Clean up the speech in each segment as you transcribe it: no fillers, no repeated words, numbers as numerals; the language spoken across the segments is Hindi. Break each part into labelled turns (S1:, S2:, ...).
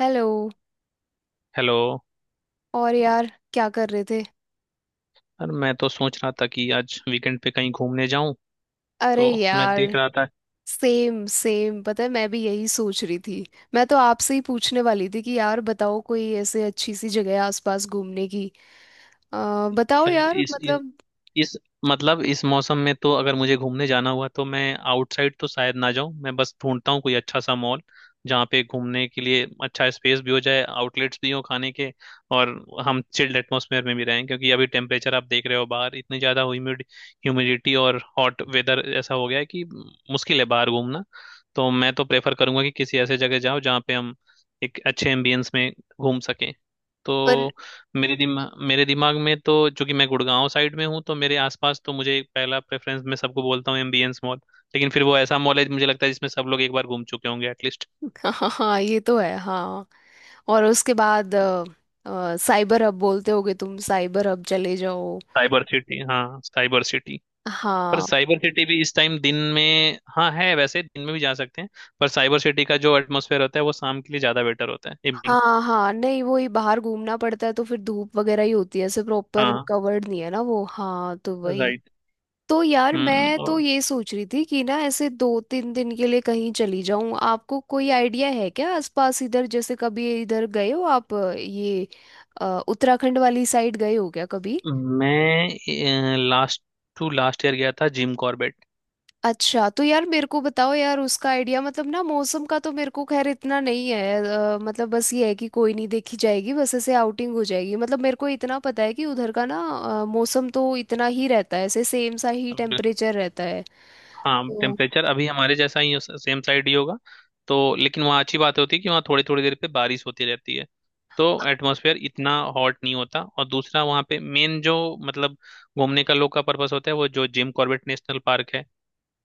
S1: हेलो।
S2: हेलो।
S1: और यार, क्या कर रहे थे?
S2: यार मैं तो सोच रहा था कि आज वीकेंड पे कहीं घूमने जाऊं।
S1: अरे
S2: तो मैं
S1: यार,
S2: देख रहा था।
S1: सेम सेम पता है, मैं भी यही सोच रही थी। मैं तो आपसे ही पूछने वाली थी कि यार बताओ, कोई ऐसे अच्छी सी जगह है आसपास घूमने की? बताओ
S2: यार,
S1: यार, मतलब।
S2: इस मतलब इस मौसम में तो अगर मुझे घूमने जाना हुआ तो मैं आउटसाइड तो शायद ना जाऊं। मैं बस ढूंढता हूँ कोई अच्छा सा मॉल जहाँ पे घूमने के लिए अच्छा स्पेस भी हो जाए, आउटलेट्स भी हो खाने के, और हम चिल्ड एटमॉस्फेयर में भी रहें क्योंकि अभी टेम्परेचर आप देख रहे हो बाहर इतनी ज़्यादा ह्यूमिडिटी और हॉट वेदर ऐसा हो गया है कि मुश्किल है बाहर घूमना। तो मैं तो प्रेफर करूंगा कि किसी ऐसे जगह जाओ जहाँ पे हम एक अच्छे एम्बियंस में घूम सकें।
S1: पर
S2: तो मेरे दिमाग में तो चूंकि मैं गुड़गांव साइड में हूँ तो मेरे आसपास तो मुझे पहला प्रेफरेंस, मैं सबको बोलता हूँ एमबीएंस मॉल। लेकिन फिर वो ऐसा मॉल है मुझे लगता है जिसमें सब लोग एक बार घूम चुके होंगे एटलीस्ट।
S1: हाँ हाँ, ये तो है हाँ। और उसके बाद साइबर हब, बोलते होगे तुम, साइबर हब चले जाओ।
S2: साइबर सिटी, हाँ साइबर सिटी। पर
S1: हाँ
S2: साइबर सिटी भी इस टाइम दिन में, हाँ, है वैसे दिन में भी जा सकते हैं। पर साइबर सिटी का जो एटमोसफेयर होता है वो शाम के लिए ज्यादा बेटर होता है, इवनिंग।
S1: हाँ। हाँ नहीं, वो ही बाहर घूमना पड़ता है तो फिर धूप वगैरह ही होती है, ऐसे प्रॉपर
S2: हाँ।
S1: कवर्ड नहीं है ना वो, हाँ तो वही।
S2: राइट।
S1: तो यार,
S2: हम्म।
S1: मैं तो
S2: और
S1: ये सोच रही थी कि ना ऐसे दो तीन दिन के लिए कहीं चली जाऊं। आपको कोई आइडिया है क्या आसपास? इधर जैसे कभी इधर गए हो आप? ये उत्तराखंड वाली साइड गए हो क्या कभी?
S2: मैं लास्ट टू लास्ट ईयर गया था जिम कॉर्बेट।
S1: अच्छा, तो यार मेरे को बताओ यार उसका आइडिया। मतलब ना मौसम का तो मेरे को खैर इतना नहीं है। मतलब बस ये है कि कोई नहीं, देखी जाएगी बस, ऐसे आउटिंग हो जाएगी। मतलब मेरे को इतना पता है कि उधर का ना मौसम तो इतना ही रहता है, ऐसे सेम सा ही टेम्परेचर रहता है।
S2: हाँ
S1: तो
S2: टेम्परेचर अभी हमारे जैसा ही सेम साइड ही होगा। तो लेकिन वहाँ अच्छी बात होती है कि वहाँ थोड़ी थोड़ी देर पे बारिश होती रहती है। तो एटमॉस्फेयर इतना हॉट नहीं होता, और दूसरा वहाँ पे मेन जो, मतलब, घूमने का लोग का पर्पस होता है वो जो जिम कॉर्बेट नेशनल पार्क है।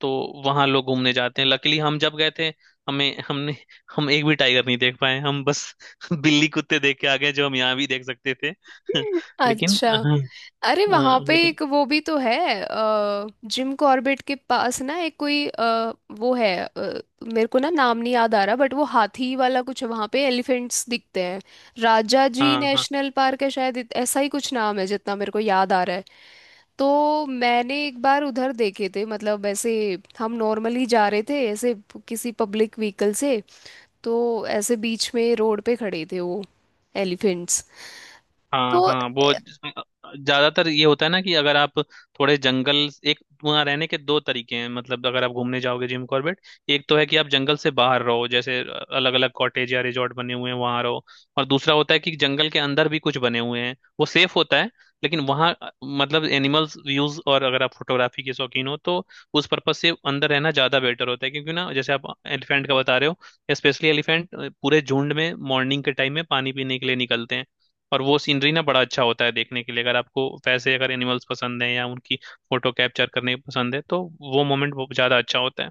S2: तो वहाँ लोग घूमने जाते हैं। लकीली हम जब गए थे, हमें हमने हम एक भी टाइगर नहीं देख पाए। हम बस बिल्ली कुत्ते देख के आ गए जो हम यहाँ भी देख सकते थे। लेकिन
S1: अच्छा।
S2: हाँ।
S1: अरे
S2: हाँ
S1: वहां पे
S2: लेकिन।
S1: एक वो भी तो है अ, जिम कॉर्बेट के पास ना एक कोई वो है मेरे को ना नाम नहीं याद आ रहा, बट वो हाथी वाला कुछ है, वहां पे एलिफेंट्स दिखते हैं। राजा जी
S2: हाँ। हाँ
S1: नेशनल पार्क है शायद, ऐसा ही कुछ नाम है जितना मेरे को याद आ रहा है। तो मैंने एक बार उधर देखे थे, मतलब ऐसे हम नॉर्मली जा रहे थे ऐसे किसी पब्लिक व्हीकल से। तो ऐसे बीच में रोड पे खड़े थे वो एलिफेंट्स। तो
S2: हाँ हाँ। ज्यादातर ये होता है ना कि अगर आप थोड़े जंगल। एक, वहाँ रहने के दो तरीके हैं। मतलब अगर आप घूमने जाओगे जिम कॉर्बेट, एक तो है कि आप जंगल से बाहर रहो, जैसे अलग अलग कॉटेज या रिजॉर्ट बने हुए हैं वहाँ रहो। और दूसरा होता है कि जंगल के अंदर भी कुछ बने हुए हैं, वो सेफ होता है। लेकिन वहाँ मतलब एनिमल्स व्यूज, और अगर आप फोटोग्राफी के शौकीन हो तो उस पर्पज से अंदर रहना ज्यादा बेटर होता है, क्योंकि ना जैसे आप एलिफेंट का बता रहे हो, स्पेशली एलिफेंट पूरे झुंड में मॉर्निंग के टाइम में पानी पीने के लिए निकलते हैं। और वो सीनरी ना बड़ा अच्छा होता है देखने के लिए, अगर आपको वैसे अगर एनिमल्स पसंद है या उनकी फोटो कैप्चर करने पसंद है तो वो मोमेंट बहुत ज्यादा अच्छा होता है।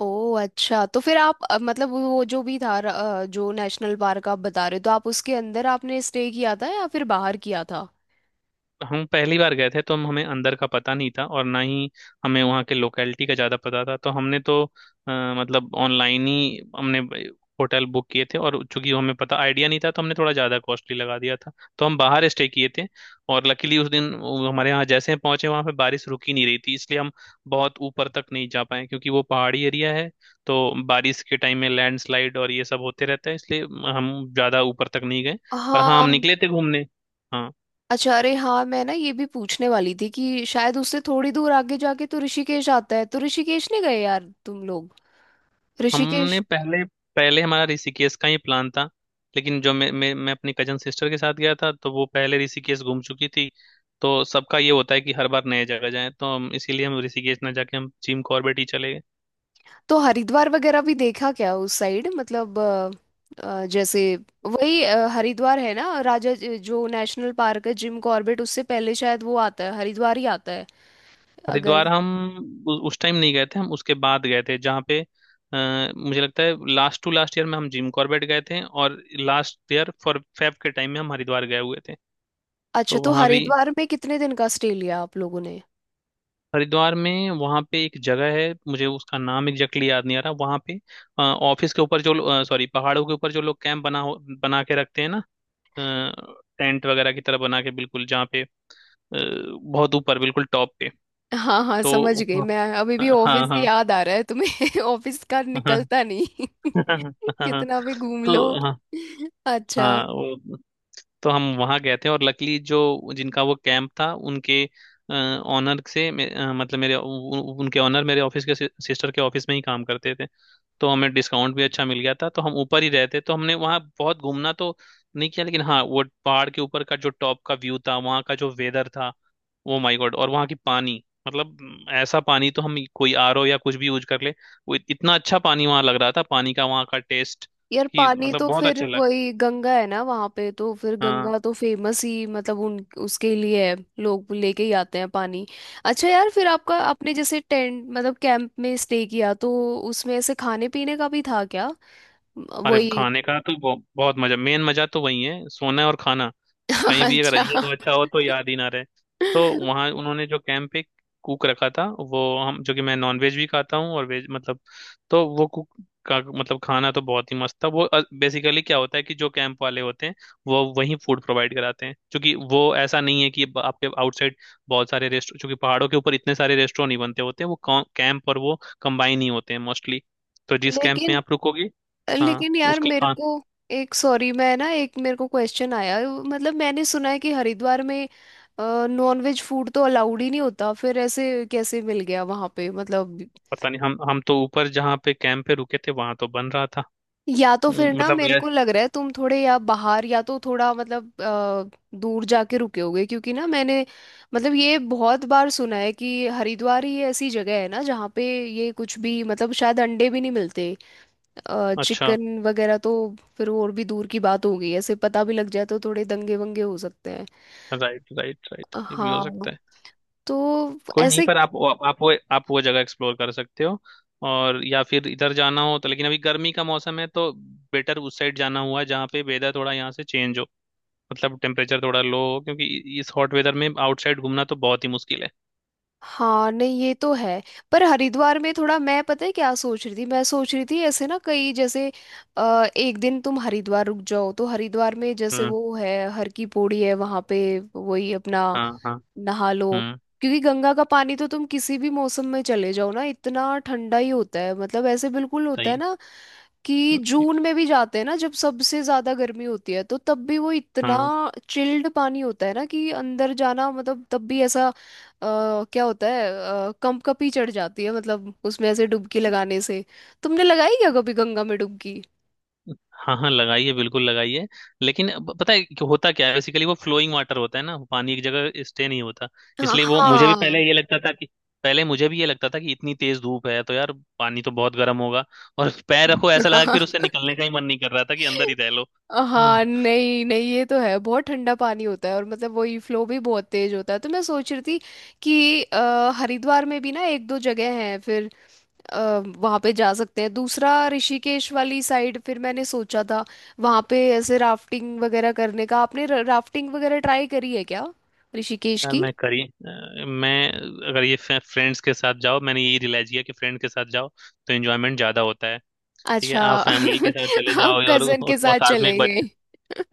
S1: ओह अच्छा, तो फिर आप मतलब वो जो भी था जो नेशनल पार्क आप बता रहे हो, तो आप उसके अंदर आपने स्टे किया था या फिर बाहर किया था?
S2: हम पहली बार गए थे तो हम हमें अंदर का पता नहीं था और ना ही हमें वहाँ के लोकेलिटी का ज़्यादा पता था। तो हमने तो अ, मतलब ऑनलाइन ही हमने होटल बुक किए थे, और चूंकि हमें पता आइडिया नहीं था तो हमने थोड़ा ज़्यादा कॉस्टली लगा दिया था। तो हम बाहर स्टे किए थे। और लकीली उस दिन वो, हमारे यहाँ जैसे हम पहुंचे वहाँ पे बारिश रुक ही नहीं रही थी, इसलिए हम बहुत ऊपर तक नहीं जा पाए क्योंकि वो पहाड़ी एरिया है। तो बारिश के टाइम में लैंडस्लाइड और ये सब होते रहता है, इसलिए हम ज़्यादा ऊपर तक नहीं गए। पर हाँ, हम
S1: हाँ।
S2: निकले थे घूमने। हाँ।
S1: अच्छा, अरे हाँ मैं ना ये भी पूछने वाली थी कि शायद उससे थोड़ी दूर आगे जाके तो ऋषिकेश आता है, तो ऋषिकेश नहीं गए यार तुम लोग?
S2: हमने
S1: ऋषिकेश।
S2: पहले पहले हमारा ऋषिकेश का ही प्लान था। लेकिन जो मैं अपनी कजन सिस्टर के साथ गया था, तो वो पहले ऋषिकेश घूम चुकी थी। तो सबका ये होता है कि हर बार नए जगह जाएं, तो हम इसीलिए हम ऋषिकेश ना जाके हम जिम कॉर्बेट ही चले गए।
S1: तो हरिद्वार वगैरह भी देखा क्या उस साइड? मतलब जैसे, वही हरिद्वार है ना, जो नेशनल पार्क है जिम कॉर्बेट, उससे पहले शायद वो आता है, हरिद्वार ही आता है अगर।
S2: हरिद्वार हम उस टाइम नहीं गए थे, हम उसके बाद गए थे। जहाँ पे, मुझे लगता है लास्ट टू लास्ट ईयर में हम जिम कॉर्बेट गए थे और लास्ट ईयर फॉर फेब के टाइम में हम हरिद्वार गए हुए थे।
S1: अच्छा,
S2: तो
S1: तो
S2: वहाँ भी,
S1: हरिद्वार में कितने दिन का स्टे लिया आप लोगों ने?
S2: हरिद्वार में, वहाँ पे एक जगह है, मुझे उसका नाम एग्जैक्टली याद नहीं आ रहा। वहाँ पे ऑफिस के ऊपर जो, सॉरी, पहाड़ों के ऊपर जो लोग कैंप बना के रखते हैं ना, टेंट वगैरह की तरह बना के, बिल्कुल जहाँ पे बहुत ऊपर बिल्कुल टॉप पे।
S1: हाँ हाँ
S2: तो
S1: समझ गई
S2: वहाँ-
S1: मैं, अभी भी ऑफिस
S2: हाँ
S1: से
S2: हाँ
S1: याद आ रहा है तुम्हें ऑफिस का
S2: हाँ
S1: निकलता नहीं।
S2: हाँ हाँ,
S1: कितना भी घूम लो।
S2: तो हाँ
S1: अच्छा।
S2: हाँ तो हम वहाँ गए थे। और लकीली जो, जिनका वो कैंप था उनके ऑनर से, मतलब मेरे उनके ऑनर मेरे ऑफिस के, सिस्टर के ऑफिस में ही काम करते थे। तो हमें डिस्काउंट भी अच्छा मिल गया था, तो हम ऊपर ही रहते, तो हमने वहाँ बहुत घूमना तो नहीं किया, लेकिन हाँ वो पहाड़ के ऊपर का जो टॉप का व्यू था, वहाँ का जो वेदर था, वो माय गॉड। और वहाँ की पानी, मतलब ऐसा पानी तो हम कोई आरओ या कुछ भी यूज कर ले, वो इतना अच्छा पानी वहाँ लग रहा था, पानी का वहाँ का टेस्ट,
S1: यार
S2: कि
S1: पानी
S2: मतलब
S1: तो
S2: बहुत
S1: फिर
S2: अच्छा लग।
S1: वही गंगा है ना वहां पे, तो फिर
S2: हाँ
S1: गंगा तो फेमस ही मतलब उन उसके लिए है, लोग लेके ही आते हैं पानी। अच्छा यार, फिर आपका
S2: हाँ।
S1: आपने जैसे टेंट मतलब कैंप में स्टे किया, तो उसमें ऐसे खाने पीने का भी था क्या?
S2: अरे
S1: वही।
S2: खाने का तो बहुत मजा, मेन मजा तो वही है, सोना और खाना। कहीं भी अगर
S1: अच्छा।
S2: ये तो अच्छा हो तो याद ही ना रहे। तो वहाँ उन्होंने जो कैंप पे कुक रखा था, वो, हम जो कि मैं नॉनवेज भी खाता हूँ और वेज, मतलब, तो वो कुक का, मतलब, खाना तो बहुत ही मस्त था। वो बेसिकली क्या होता है कि जो कैंप वाले होते हैं वो वहीं फूड प्रोवाइड कराते हैं, क्योंकि वो ऐसा नहीं है कि आपके आउटसाइड बहुत सारे रेस्टोरेंट, क्योंकि पहाड़ों के ऊपर इतने सारे रेस्टोरेंट नहीं बनते होते हैं। वो कैंप और वो कंबाइन ही होते हैं मोस्टली। तो जिस कैंप में
S1: लेकिन,
S2: आप रुकोगे। हाँ
S1: लेकिन यार
S2: उसका
S1: मेरे
S2: खा
S1: को एक, सॉरी मैं ना, एक मेरे को क्वेश्चन आया। मतलब मैंने सुना है कि हरिद्वार में नॉन वेज फूड तो अलाउड ही नहीं होता, फिर ऐसे कैसे मिल गया वहां पे मतलब?
S2: पता नहीं, हम तो ऊपर जहाँ पे कैंप पे रुके थे वहां तो बन रहा था।
S1: या तो फिर ना
S2: मतलब
S1: मेरे
S2: ये।
S1: को लग रहा है तुम थोड़े या बाहर, या तो थोड़ा मतलब दूर जाके रुके होगे, क्योंकि ना मैंने मतलब ये बहुत बार सुना है कि हरिद्वार ही ऐसी जगह है ना जहाँ पे ये कुछ भी मतलब शायद अंडे भी नहीं मिलते,
S2: अच्छा।
S1: चिकन वगैरह तो फिर और भी दूर की बात हो गई। ऐसे पता भी लग जाए तो थोड़े दंगे वंगे हो सकते हैं।
S2: राइट राइट राइट, ये भी हो
S1: हाँ।
S2: सकता है।
S1: तो
S2: कोई नहीं,
S1: ऐसे।
S2: पर आप वो जगह एक्सप्लोर कर सकते हो, और या फिर इधर जाना हो तो, लेकिन अभी गर्मी का मौसम है तो बेटर उस साइड जाना हुआ जहाँ पे वेदर थोड़ा यहाँ से चेंज हो, मतलब टेम्परेचर थोड़ा लो हो, क्योंकि इस हॉट वेदर में आउटसाइड घूमना तो बहुत ही मुश्किल है।
S1: हाँ नहीं ये तो है। पर हरिद्वार में थोड़ा, मैं पता है क्या सोच रही थी, मैं सोच रही थी ऐसे ना कई जैसे एक दिन तुम हरिद्वार रुक जाओ, तो हरिद्वार में जैसे
S2: हम्म।
S1: वो है, हर की पौड़ी है वहाँ पे वही अपना,
S2: हाँ हाँ।
S1: नहा लो।
S2: हम्म।
S1: क्योंकि गंगा का पानी तो तुम किसी भी मौसम में चले जाओ ना, इतना ठंडा ही होता है, मतलब ऐसे बिल्कुल होता
S2: सही।
S1: है ना कि जून में भी जाते हैं ना जब सबसे ज्यादा गर्मी होती है, तो तब भी वो इतना
S2: हाँ।
S1: चिल्ड पानी होता है ना कि अंदर जाना, मतलब तब भी ऐसा क्या होता है, कंपकपी चढ़ जाती है मतलब उसमें ऐसे डुबकी लगाने से। तुमने लगाई क्या कभी गंगा में डुबकी?
S2: हाँ हाँ लगाइए, बिल्कुल लगाइए। लेकिन अब पता है कि होता क्या है, बेसिकली वो फ्लोइंग वाटर होता है ना, वो पानी एक जगह स्टे नहीं होता,
S1: हाँ
S2: इसलिए वो। मुझे भी पहले
S1: हाँ।
S2: ये लगता था कि पहले मुझे भी ये लगता था कि इतनी तेज धूप है तो यार पानी तो बहुत गर्म होगा। और पैर रखो ऐसा लगा कि फिर उससे निकलने का ही मन नहीं कर रहा था, कि अंदर ही रह लो। हम्म।
S1: हाँ नहीं नहीं ये तो है, बहुत ठंडा पानी होता है, और मतलब वही फ्लो भी बहुत तेज होता है। तो मैं सोच रही थी कि हरिद्वार में भी ना एक दो जगह हैं, फिर वहां पे जा सकते हैं। दूसरा ऋषिकेश वाली साइड, फिर मैंने सोचा था वहां पे ऐसे राफ्टिंग वगैरह करने का। आपने राफ्टिंग वगैरह ट्राई करी है क्या ऋषिकेश
S2: यार
S1: की?
S2: मैं अगर ये फ्रेंड्स के साथ जाओ, मैंने यही रियलाइज किया कि फ्रेंड के साथ जाओ तो एंजॉयमेंट ज्यादा होता है। ठीक है
S1: अच्छा।
S2: आप फैमिली के साथ चले
S1: आप
S2: जाओ, और,
S1: कजन के
S2: और
S1: साथ
S2: साथ में एक
S1: चले
S2: बच्चा।
S1: गए।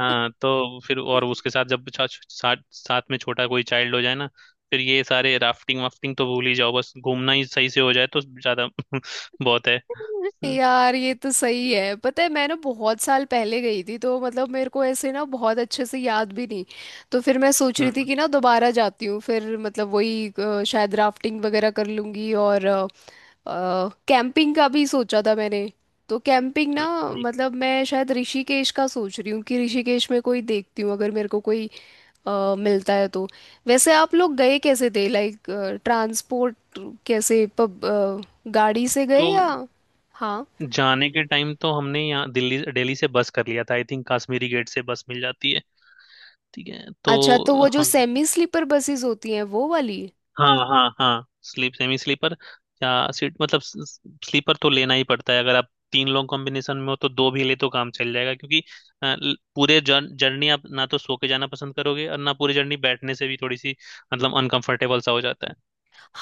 S2: हाँ तो फिर और उसके साथ जब साथ साथ में छोटा कोई चाइल्ड हो जाए ना, फिर ये सारे राफ्टिंग वाफ्टिंग तो भूल ही जाओ, बस घूमना ही सही से हो जाए तो ज्यादा। बहुत है। हम्म।
S1: यार ये तो सही है, पता है मैं ना बहुत साल पहले गई थी, तो मतलब मेरे को ऐसे ना बहुत अच्छे से याद भी नहीं, तो फिर मैं सोच रही थी
S2: हम्म।
S1: कि ना दोबारा जाती हूँ फिर, मतलब वही शायद राफ्टिंग वगैरह कर लूंगी और, कैंपिंग का भी सोचा था मैंने। तो कैंपिंग ना,
S2: नहीं।
S1: मतलब मैं शायद ऋषिकेश का सोच रही हूँ कि ऋषिकेश में कोई देखती हूँ, अगर मेरे को कोई मिलता है तो। वैसे आप लोग गए कैसे थे, लाइक ट्रांसपोर्ट कैसे, गाड़ी से गए
S2: तो
S1: या? हाँ
S2: जाने के टाइम तो हमने यहाँ दिल्ली दिल्ली से बस कर लिया था। आई थिंक कश्मीरी गेट से बस मिल जाती है। ठीक है तो।
S1: अच्छा, तो वो जो
S2: हाँ
S1: सेमी स्लीपर बसेस होती हैं वो वाली।
S2: हाँ हाँ हाँ स्लीप सेमी स्लीपर या सीट, मतलब स्लीपर तो लेना ही पड़ता है, अगर आप तीन लोग कॉम्बिनेशन में हो तो दो भी ले तो काम चल जाएगा, क्योंकि पूरे जर्नी आप ना तो सो के जाना पसंद करोगे और ना पूरी जर्नी बैठने से भी थोड़ी सी, मतलब, अनकंफर्टेबल सा हो जाता है।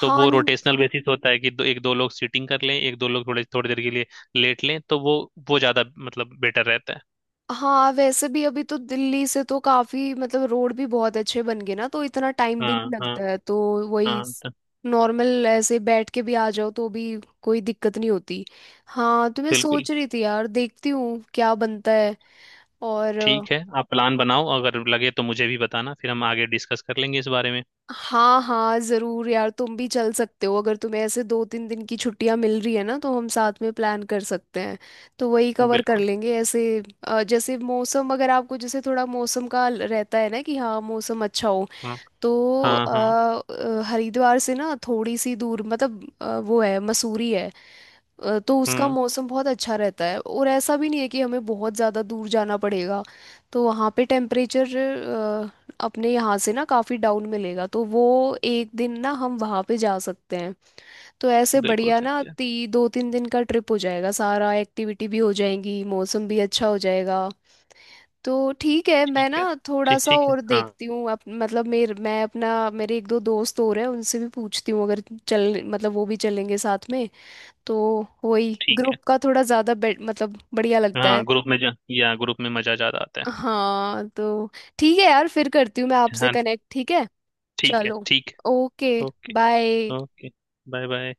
S2: तो वो
S1: न-
S2: रोटेशनल बेसिस होता है कि एक दो लोग सीटिंग कर लें, एक दो लोग थोड़े थोड़ी देर के लिए लेट लें, तो वो ज्यादा, मतलब, बेटर रहता है।
S1: हाँ, वैसे भी अभी तो दिल्ली से तो काफी, मतलब रोड भी बहुत अच्छे बन गए ना, तो इतना टाइम भी
S2: हाँ
S1: नहीं
S2: हाँ
S1: लगता है, तो वही,
S2: हाँ। तो
S1: नॉर्मल ऐसे बैठ के भी आ जाओ तो भी कोई दिक्कत नहीं होती। हाँ तो मैं
S2: बिल्कुल।
S1: सोच रही थी यार, देखती हूँ क्या बनता है। और
S2: ठीक है, आप प्लान बनाओ, अगर लगे तो मुझे भी बताना, फिर हम आगे डिस्कस कर लेंगे इस बारे में।
S1: हाँ हाँ जरूर यार, तुम भी चल सकते हो अगर तुम्हें ऐसे दो तीन दिन की छुट्टियां मिल रही है ना, तो हम साथ में प्लान कर सकते हैं। तो वही कवर कर
S2: बिल्कुल।
S1: लेंगे ऐसे, जैसे मौसम, अगर आपको जैसे थोड़ा मौसम का रहता है ना कि हाँ मौसम अच्छा हो,
S2: हाँ
S1: तो
S2: हाँ हाँ।
S1: हरिद्वार से ना थोड़ी सी दूर मतलब वो है, मसूरी है। तो उसका
S2: हम्म।
S1: मौसम बहुत अच्छा रहता है, और ऐसा भी नहीं है कि हमें बहुत ज़्यादा दूर जाना पड़ेगा। तो वहाँ पे टेम्परेचर अपने यहाँ से ना काफ़ी डाउन मिलेगा, तो वो एक दिन ना हम वहाँ पे जा सकते हैं। तो ऐसे
S2: बिल्कुल
S1: बढ़िया ना,
S2: सही है।
S1: ती दो तीन दिन का ट्रिप हो जाएगा, सारा एक्टिविटी भी हो जाएंगी, मौसम भी अच्छा हो जाएगा। तो ठीक है,
S2: ठीक
S1: मैं ना
S2: है
S1: थोड़ा
S2: ठीक।
S1: सा
S2: ठीक है
S1: और
S2: हाँ।
S1: देखती हूँ। मतलब मेरे, मैं अपना, मेरे एक दो दोस्त और हैं उनसे भी पूछती हूँ, अगर चल मतलब वो भी चलेंगे साथ में, तो वही
S2: ठीक है।
S1: ग्रुप का थोड़ा ज्यादा मतलब बढ़िया लगता है।
S2: हाँ, ग्रुप में मजा ज्यादा आता है।
S1: हाँ। तो ठीक है यार, फिर करती हूँ मैं आपसे
S2: हाँ।
S1: कनेक्ट, ठीक है?
S2: ठीक है।
S1: चलो,
S2: ठीक
S1: ओके,
S2: है, okay.
S1: Bye.
S2: Okay bye. Bye